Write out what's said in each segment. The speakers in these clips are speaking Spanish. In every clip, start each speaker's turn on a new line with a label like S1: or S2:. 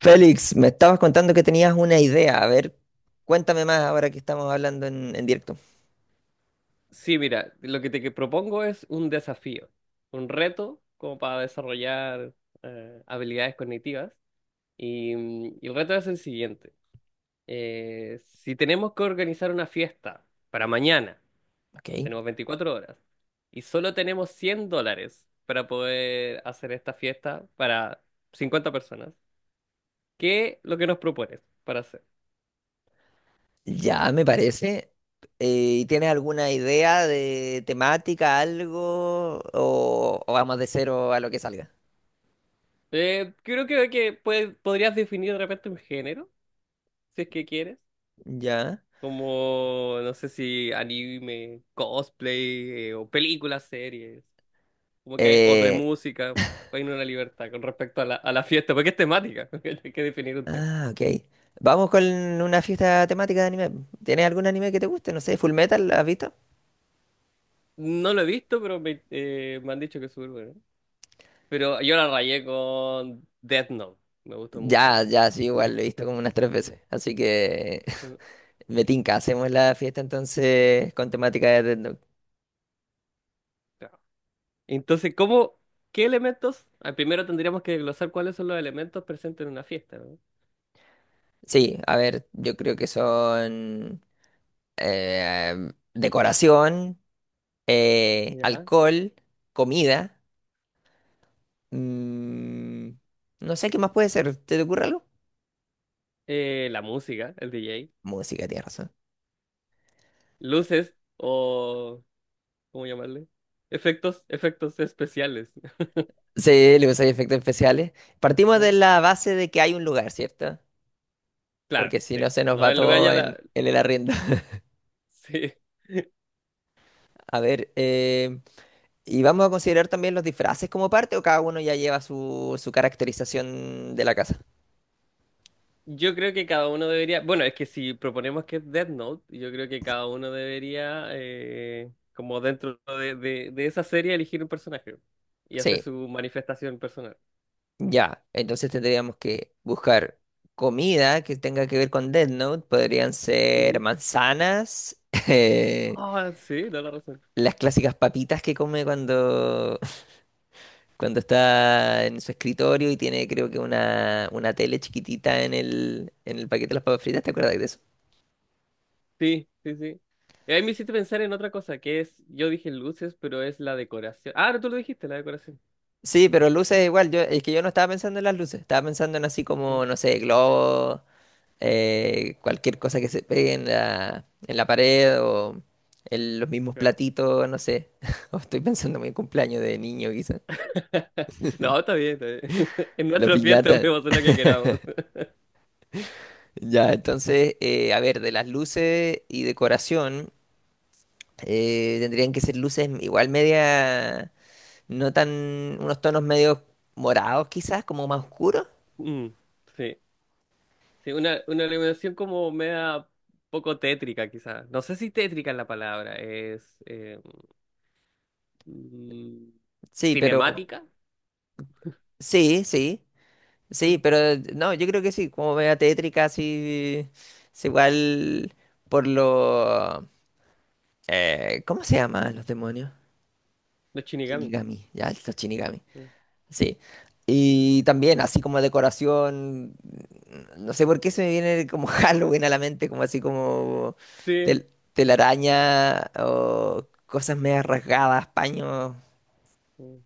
S1: Félix, me estabas contando que tenías una idea. A ver, cuéntame más ahora que estamos hablando en directo.
S2: Sí, mira, lo que propongo es un desafío, un reto como para desarrollar habilidades cognitivas. Y el reto es el siguiente. Si tenemos que organizar una fiesta para mañana,
S1: Ok.
S2: tenemos 24 horas, y solo tenemos 100 dólares para poder hacer esta fiesta para 50 personas, ¿qué es lo que nos propones para hacer?
S1: Ya, me parece. ¿Y ¿tienes alguna idea de temática, algo? O vamos de cero a lo que salga?
S2: Creo que podrías definir de repente un género, si es que quieres.
S1: Ya.
S2: Como no sé, si anime, cosplay o películas, series, como que hay, o de
S1: Eh,
S2: música, hay una libertad con respecto a la fiesta, porque es temática, porque hay que definir un tema.
S1: ah, ok. Vamos con una fiesta temática de anime. ¿Tienes algún anime que te guste? No sé, Full Metal, ¿has visto?
S2: No lo he visto, pero me han dicho que es súper bueno. Pero yo la rayé con Death Note, me gustó mucho
S1: Ya,
S2: Death
S1: ya, sí, igual, lo he visto como unas tres
S2: Note.
S1: veces. Así que
S2: Mm.
S1: me tinca, hacemos la fiesta entonces con temática de Death Note.
S2: Claro. Entonces, ¿cómo, qué elementos? Ah, primero tendríamos que desglosar cuáles son los elementos presentes en una fiesta, ¿no?
S1: Sí, a ver, yo creo que son decoración,
S2: Ya.
S1: alcohol, comida. mm, no sé qué más puede ser. ¿Te ocurre algo?
S2: La música, el DJ.
S1: Música, tienes razón.
S2: Luces o, ¿cómo llamarle? Efectos, efectos especiales.
S1: Sí, le usáis efectos especiales. Partimos de
S2: ¿Eh?
S1: la base de que hay un lugar, ¿cierto?
S2: Claro,
S1: Porque si no
S2: sí.
S1: se nos
S2: No,
S1: va
S2: el lugar
S1: todo
S2: ya la...
S1: en, en el arriendo.
S2: Sí.
S1: A ver, ¿y vamos a considerar también los disfraces como parte o cada uno ya lleva su caracterización de la casa?
S2: Yo creo que cada uno debería... Bueno, es que si proponemos que es Death Note, yo creo que cada uno debería, como dentro de esa serie, elegir un personaje y hacer
S1: Sí.
S2: su manifestación personal.
S1: Ya, entonces tendríamos que buscar comida que tenga que ver con Death Note. Podrían ser
S2: Mm.
S1: manzanas, eh,
S2: Ah, sí, da la razón.
S1: las clásicas papitas que come cuando, cuando está en su escritorio y tiene creo que una tele chiquitita en el paquete de las papas fritas. ¿Te acuerdas de eso?
S2: Sí, sí, sí. Y ahí me hiciste pensar en otra cosa, que es, yo dije luces, pero es la decoración. Ah, no, tú lo dijiste, la decoración.
S1: Sí, pero luces igual. Yo, es que yo no estaba pensando en las luces. Estaba pensando en así
S2: Mm.
S1: como, no sé, globos cualquier cosa que se pegue en la pared o los mismos
S2: Claro.
S1: platitos, no sé. O estoy pensando en mi cumpleaños de niño, quizás.
S2: No, está bien, está bien. En
S1: La
S2: nuestra fiesta
S1: piñata.
S2: podemos hacer la que queramos.
S1: Ya, entonces, a ver, de las luces y decoración, tendrían que ser luces igual media, no tan, unos tonos medio morados quizás, como más oscuros.
S2: Mm, sí. Sí, una iluminación como media poco tétrica, quizás. No sé si tétrica es la palabra, es mm,
S1: Sí, pero
S2: cinemática.
S1: sí, sí. Sí,
S2: Mm.
S1: pero no, yo creo que sí, como media tétrica, así. Es igual por lo. ¿Cómo se llaman los demonios?
S2: Los Shinigami.
S1: Shinigami, ya, los Shinigami.
S2: Mm.
S1: Sí. Y también, así como decoración. No sé por qué se me viene como Halloween a la mente, como así como
S2: Sí, sí.
S1: telaraña
S2: Mm,
S1: o cosas medias rasgadas, paños.
S2: mm.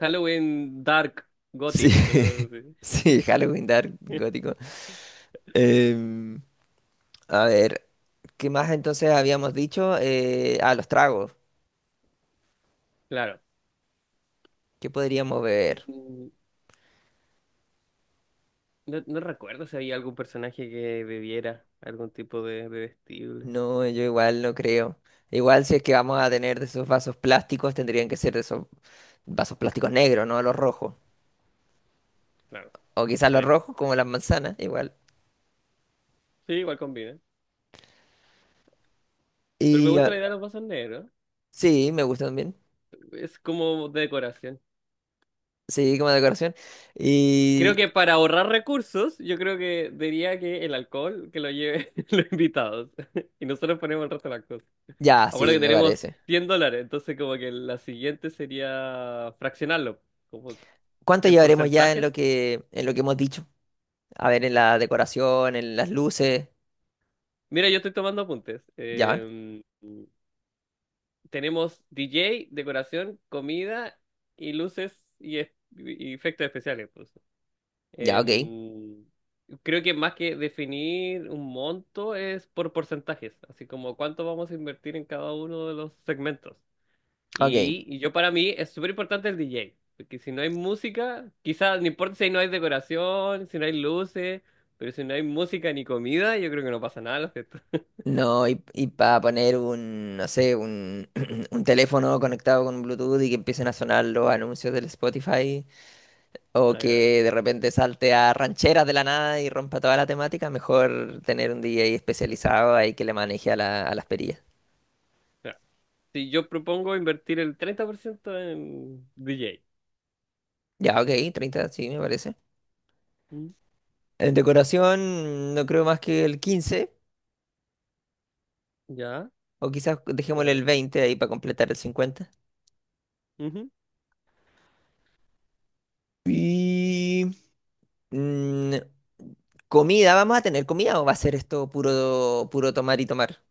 S2: Halloween Dark
S1: Sí,
S2: Gothic, una cosa así.
S1: sí, Halloween Dark Gótico. Em, a ver. ¿Qué más entonces habíamos dicho? A los tragos.
S2: Claro.
S1: ¿Qué podríamos beber?
S2: Mm, no, no recuerdo si había algún personaje que bebiera algún tipo de vestible.
S1: No, yo igual no creo. Igual si es que vamos a tener de esos vasos plásticos, tendrían que ser de esos vasos plásticos negros, no los rojos.
S2: Claro.
S1: O quizás
S2: Sí.
S1: los rojos, como las manzanas, igual.
S2: Sí, igual combina. Pero me
S1: Y
S2: gusta
S1: ah,
S2: la idea de los vasos negros.
S1: sí, me gusta también.
S2: Es como de decoración.
S1: Sí, como decoración.
S2: Creo
S1: Y
S2: que para ahorrar recursos, yo creo que diría que el alcohol que lo lleve los invitados. Y nosotros ponemos el resto de las cosas.
S1: ya,
S2: Acuérdate
S1: sí,
S2: que
S1: me
S2: tenemos
S1: parece.
S2: $100, entonces como que la siguiente sería fraccionarlo, como
S1: ¿Cuánto
S2: en
S1: llevaremos ya
S2: porcentajes.
S1: en lo que hemos dicho? A ver, en la decoración, en las luces.
S2: Mira, yo estoy tomando apuntes.
S1: Ya,
S2: Tenemos DJ, decoración, comida y luces y efectos especiales, pues.
S1: ya, ok.
S2: Em, creo que más que definir un monto es por porcentajes, así como cuánto vamos a invertir en cada uno de los segmentos.
S1: Ok.
S2: Y yo para mí es súper importante el DJ, porque si no hay música, quizás no importa si no hay decoración, si no hay luces, pero si no hay música ni comida, yo creo que no pasa nada en la fiesta.
S1: No, y para poner un, no sé, un, un teléfono conectado con Bluetooth y que empiecen a sonar los anuncios del Spotify, o
S2: Ajá,
S1: que de repente salte a rancheras de la nada y rompa toda la temática, mejor tener un DJ
S2: ajá. O
S1: especializado ahí que le maneje a, a las perillas.
S2: sea, si yo propongo invertir el 30% en DJ.
S1: Ya, ok, 30 sí, me parece.
S2: ¿Mm?
S1: En decoración, no creo más que el 15
S2: ¿Ya?
S1: o quizás
S2: ¿Me
S1: dejémosle el
S2: parece?
S1: 20 ahí para completar el 50. Y... Mm, comida, ¿vamos a tener comida o va a ser esto puro, puro tomar y tomar?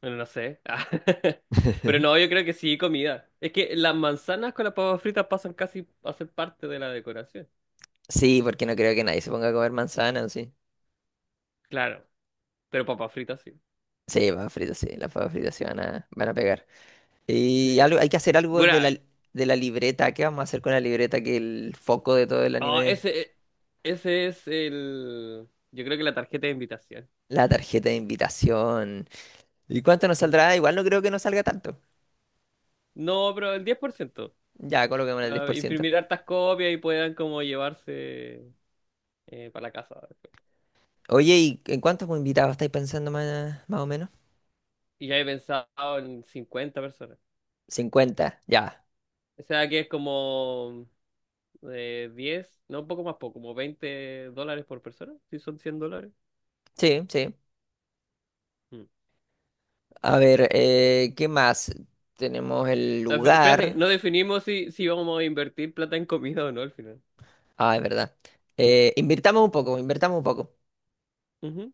S2: Bueno, no sé. Pero no, yo creo que sí, comida. Es que las manzanas con las papas fritas pasan casi a ser parte de la decoración.
S1: Sí, porque no creo que nadie se ponga a comer manzana, ¿o sí?
S2: Claro, pero papas fritas sí.
S1: Sí, papas fritas, sí, las papas fritas sí van a, van a pegar. Y
S2: Sí.
S1: algo, hay que hacer algo
S2: Bueno, ay,
S1: de la libreta. ¿Qué vamos a hacer con la libreta que el foco de todo el
S2: oh,
S1: anime?
S2: ese, e, ese es el... Yo creo que la tarjeta de invitación.
S1: La tarjeta de invitación. ¿Y cuánto nos
S2: Mm.
S1: saldrá? Igual no creo que nos salga tanto.
S2: No, pero el 10%.
S1: Ya, coloquemos el diez
S2: Para
S1: por ciento.
S2: imprimir hartas copias y puedan como llevarse para la casa después.
S1: Oye, ¿y en cuántos invitados estáis pensando más, más o menos?
S2: Y ya he pensado en 50 personas.
S1: 50, ya.
S2: O sea que es como... 10 no, un poco más poco, como $20 por persona, si son $100.
S1: Sí, sí.
S2: Mm.
S1: A ver, ¿qué más? Tenemos el
S2: Ah, fe- Espérate,
S1: lugar.
S2: no definimos si vamos a invertir plata en comida o no al final.
S1: Ah, es verdad. Invirtamos un poco, invertamos un poco.
S2: Ujú.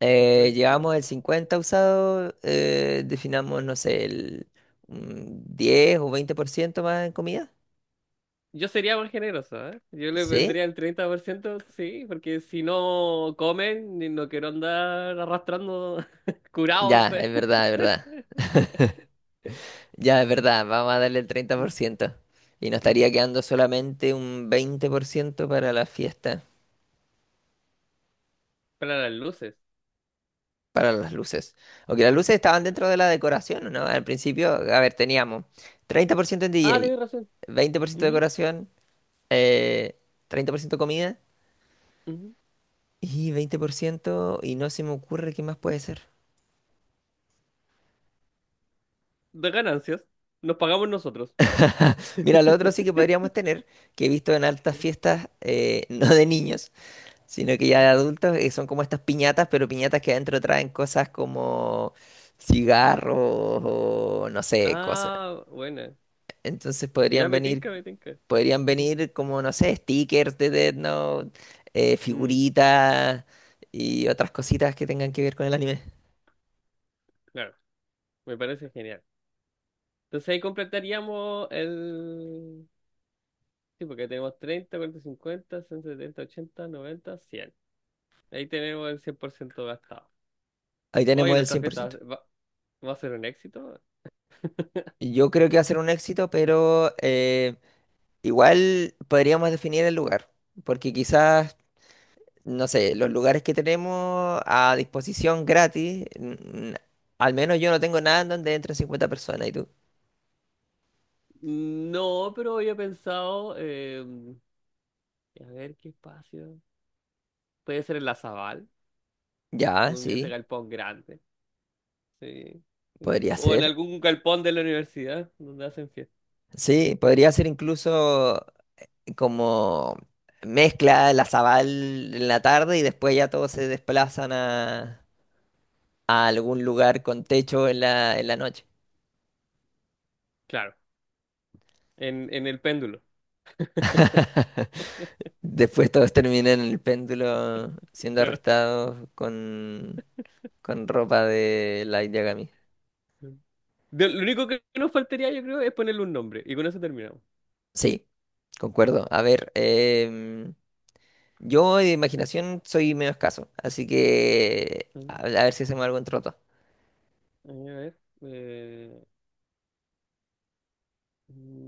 S2: 50,
S1: Llevamos el
S2: 60.
S1: 50 usado, definamos, no sé, el un 10 o 20% más en comida.
S2: Yo sería más generoso, ¿eh? Yo le
S1: ¿Sí?
S2: vendría el 30% sí, porque si no comen, ni no quiero andar arrastrando curados.
S1: Ya,
S2: Pe.
S1: es verdad, es verdad. Ya, es verdad, vamos a darle el treinta
S2: Mm,
S1: por ciento. Y nos
S2: mm.
S1: estaría quedando solamente un 20% para la fiesta.
S2: Para las luces.
S1: Para las luces. Ok, las luces estaban dentro de la decoración, ¿no? Al principio, a ver, teníamos 30% en
S2: Ah, tienes razón.
S1: DJ, 20%
S2: Ujú,
S1: decoración, eh, 30% comida
S2: ujú.
S1: y 20%, y no se me ocurre qué más puede ser.
S2: De ganancias. Nos pagamos nosotros.
S1: Mira, lo otro sí que podríamos tener, que he visto en altas fiestas, no de niños, sino que ya de adultos, que son como estas piñatas, pero piñatas que adentro traen cosas como cigarros o no sé, cosas.
S2: Ah, buena.
S1: Entonces
S2: Ya
S1: podrían
S2: me
S1: venir.
S2: tinca, me tinca.
S1: Podrían
S2: Mm,
S1: venir como, no sé, stickers de Death Note,
S2: mm,
S1: figuritas y otras cositas que tengan que ver con el anime.
S2: claro, me parece genial. Entonces ahí completaríamos el... Sí, porque tenemos 30, 40, 50, 60, 70, 80, 90, 100. Ahí tenemos el 100% gastado.
S1: Ahí
S2: Hoy
S1: tenemos el
S2: nuestra fiesta
S1: 100%.
S2: va a ser un éxito.
S1: Y yo creo que va a ser un éxito, pero igual podríamos definir el lugar, porque quizás, no sé, los lugares que tenemos a disposición gratis, al menos yo no tengo nada en donde entren 50 personas, ¿y tú?
S2: No, pero había pensado... a ver qué espacio. Puede ser en la Zabal,
S1: Ya,
S2: con ese
S1: sí,
S2: galpón grande. Sí, sí.
S1: podría
S2: O en
S1: ser.
S2: algún galpón de la universidad donde hacen fiesta.
S1: Sí, podría ser incluso como mezcla la Zabal en la tarde y después ya todos se desplazan a algún lugar con techo en la noche.
S2: Claro. En el péndulo,
S1: Después todos terminan en el péndulo siendo
S2: claro.
S1: arrestados con ropa de Light Yagami.
S2: De- lo único que nos faltaría, yo creo, es ponerle un nombre. Y con eso terminamos.
S1: Sí, concuerdo. A ver, yo de imaginación soy medio escaso, así que
S2: Mm.
S1: a ver si hacemos algo en troto.
S2: A ver.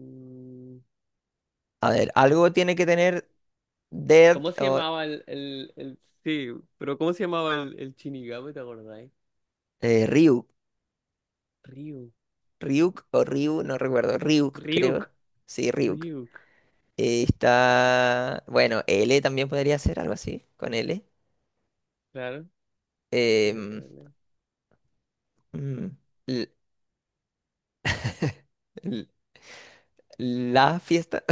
S2: mm,
S1: A ver, algo tiene que tener Dead
S2: ¿Cómo se
S1: o
S2: llamaba sí, pero ¿cómo se llamaba el Shinigami? ¿Te acordáis?
S1: Ryuk.
S2: Ryuk.
S1: Ryuk o Ryu, no recuerdo. Ryuk,
S2: Ryuk.
S1: creo. Sí, Ryuk.
S2: Ryuk.
S1: Está. Bueno, L también podría ser algo así, con L.
S2: Claro. Ryuk,
S1: Em,
S2: eh.
S1: mm, l- l- la fiesta.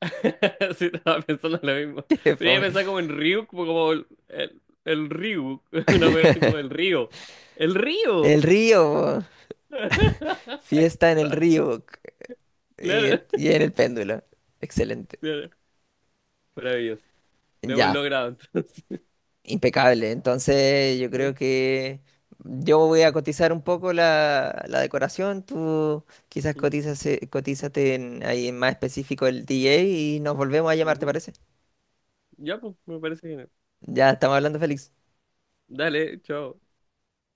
S2: Sí, estaba pensando lo mismo. Pero yo
S1: Fome.
S2: pensaba como en Ryuk, pues como el Ryuk. Una cosa así como el río. ¡El río!
S1: El río.
S2: Ahí
S1: Fiesta en el
S2: está.
S1: río.
S2: Claro.
S1: Y en el péndulo. Excelente.
S2: Claro, maravilloso. Lo hemos
S1: Ya.
S2: logrado entonces.
S1: Impecable. Entonces, yo creo
S2: Sí.
S1: que yo voy a cotizar un poco la decoración. Tú quizás
S2: Mm,
S1: cotizas, cotízate ahí en más específico el DJ y nos volvemos a llamar, ¿te
S2: ujú.
S1: parece?
S2: Ya, pues, me parece genial.
S1: Ya estamos hablando, Félix.
S2: Dale, chao.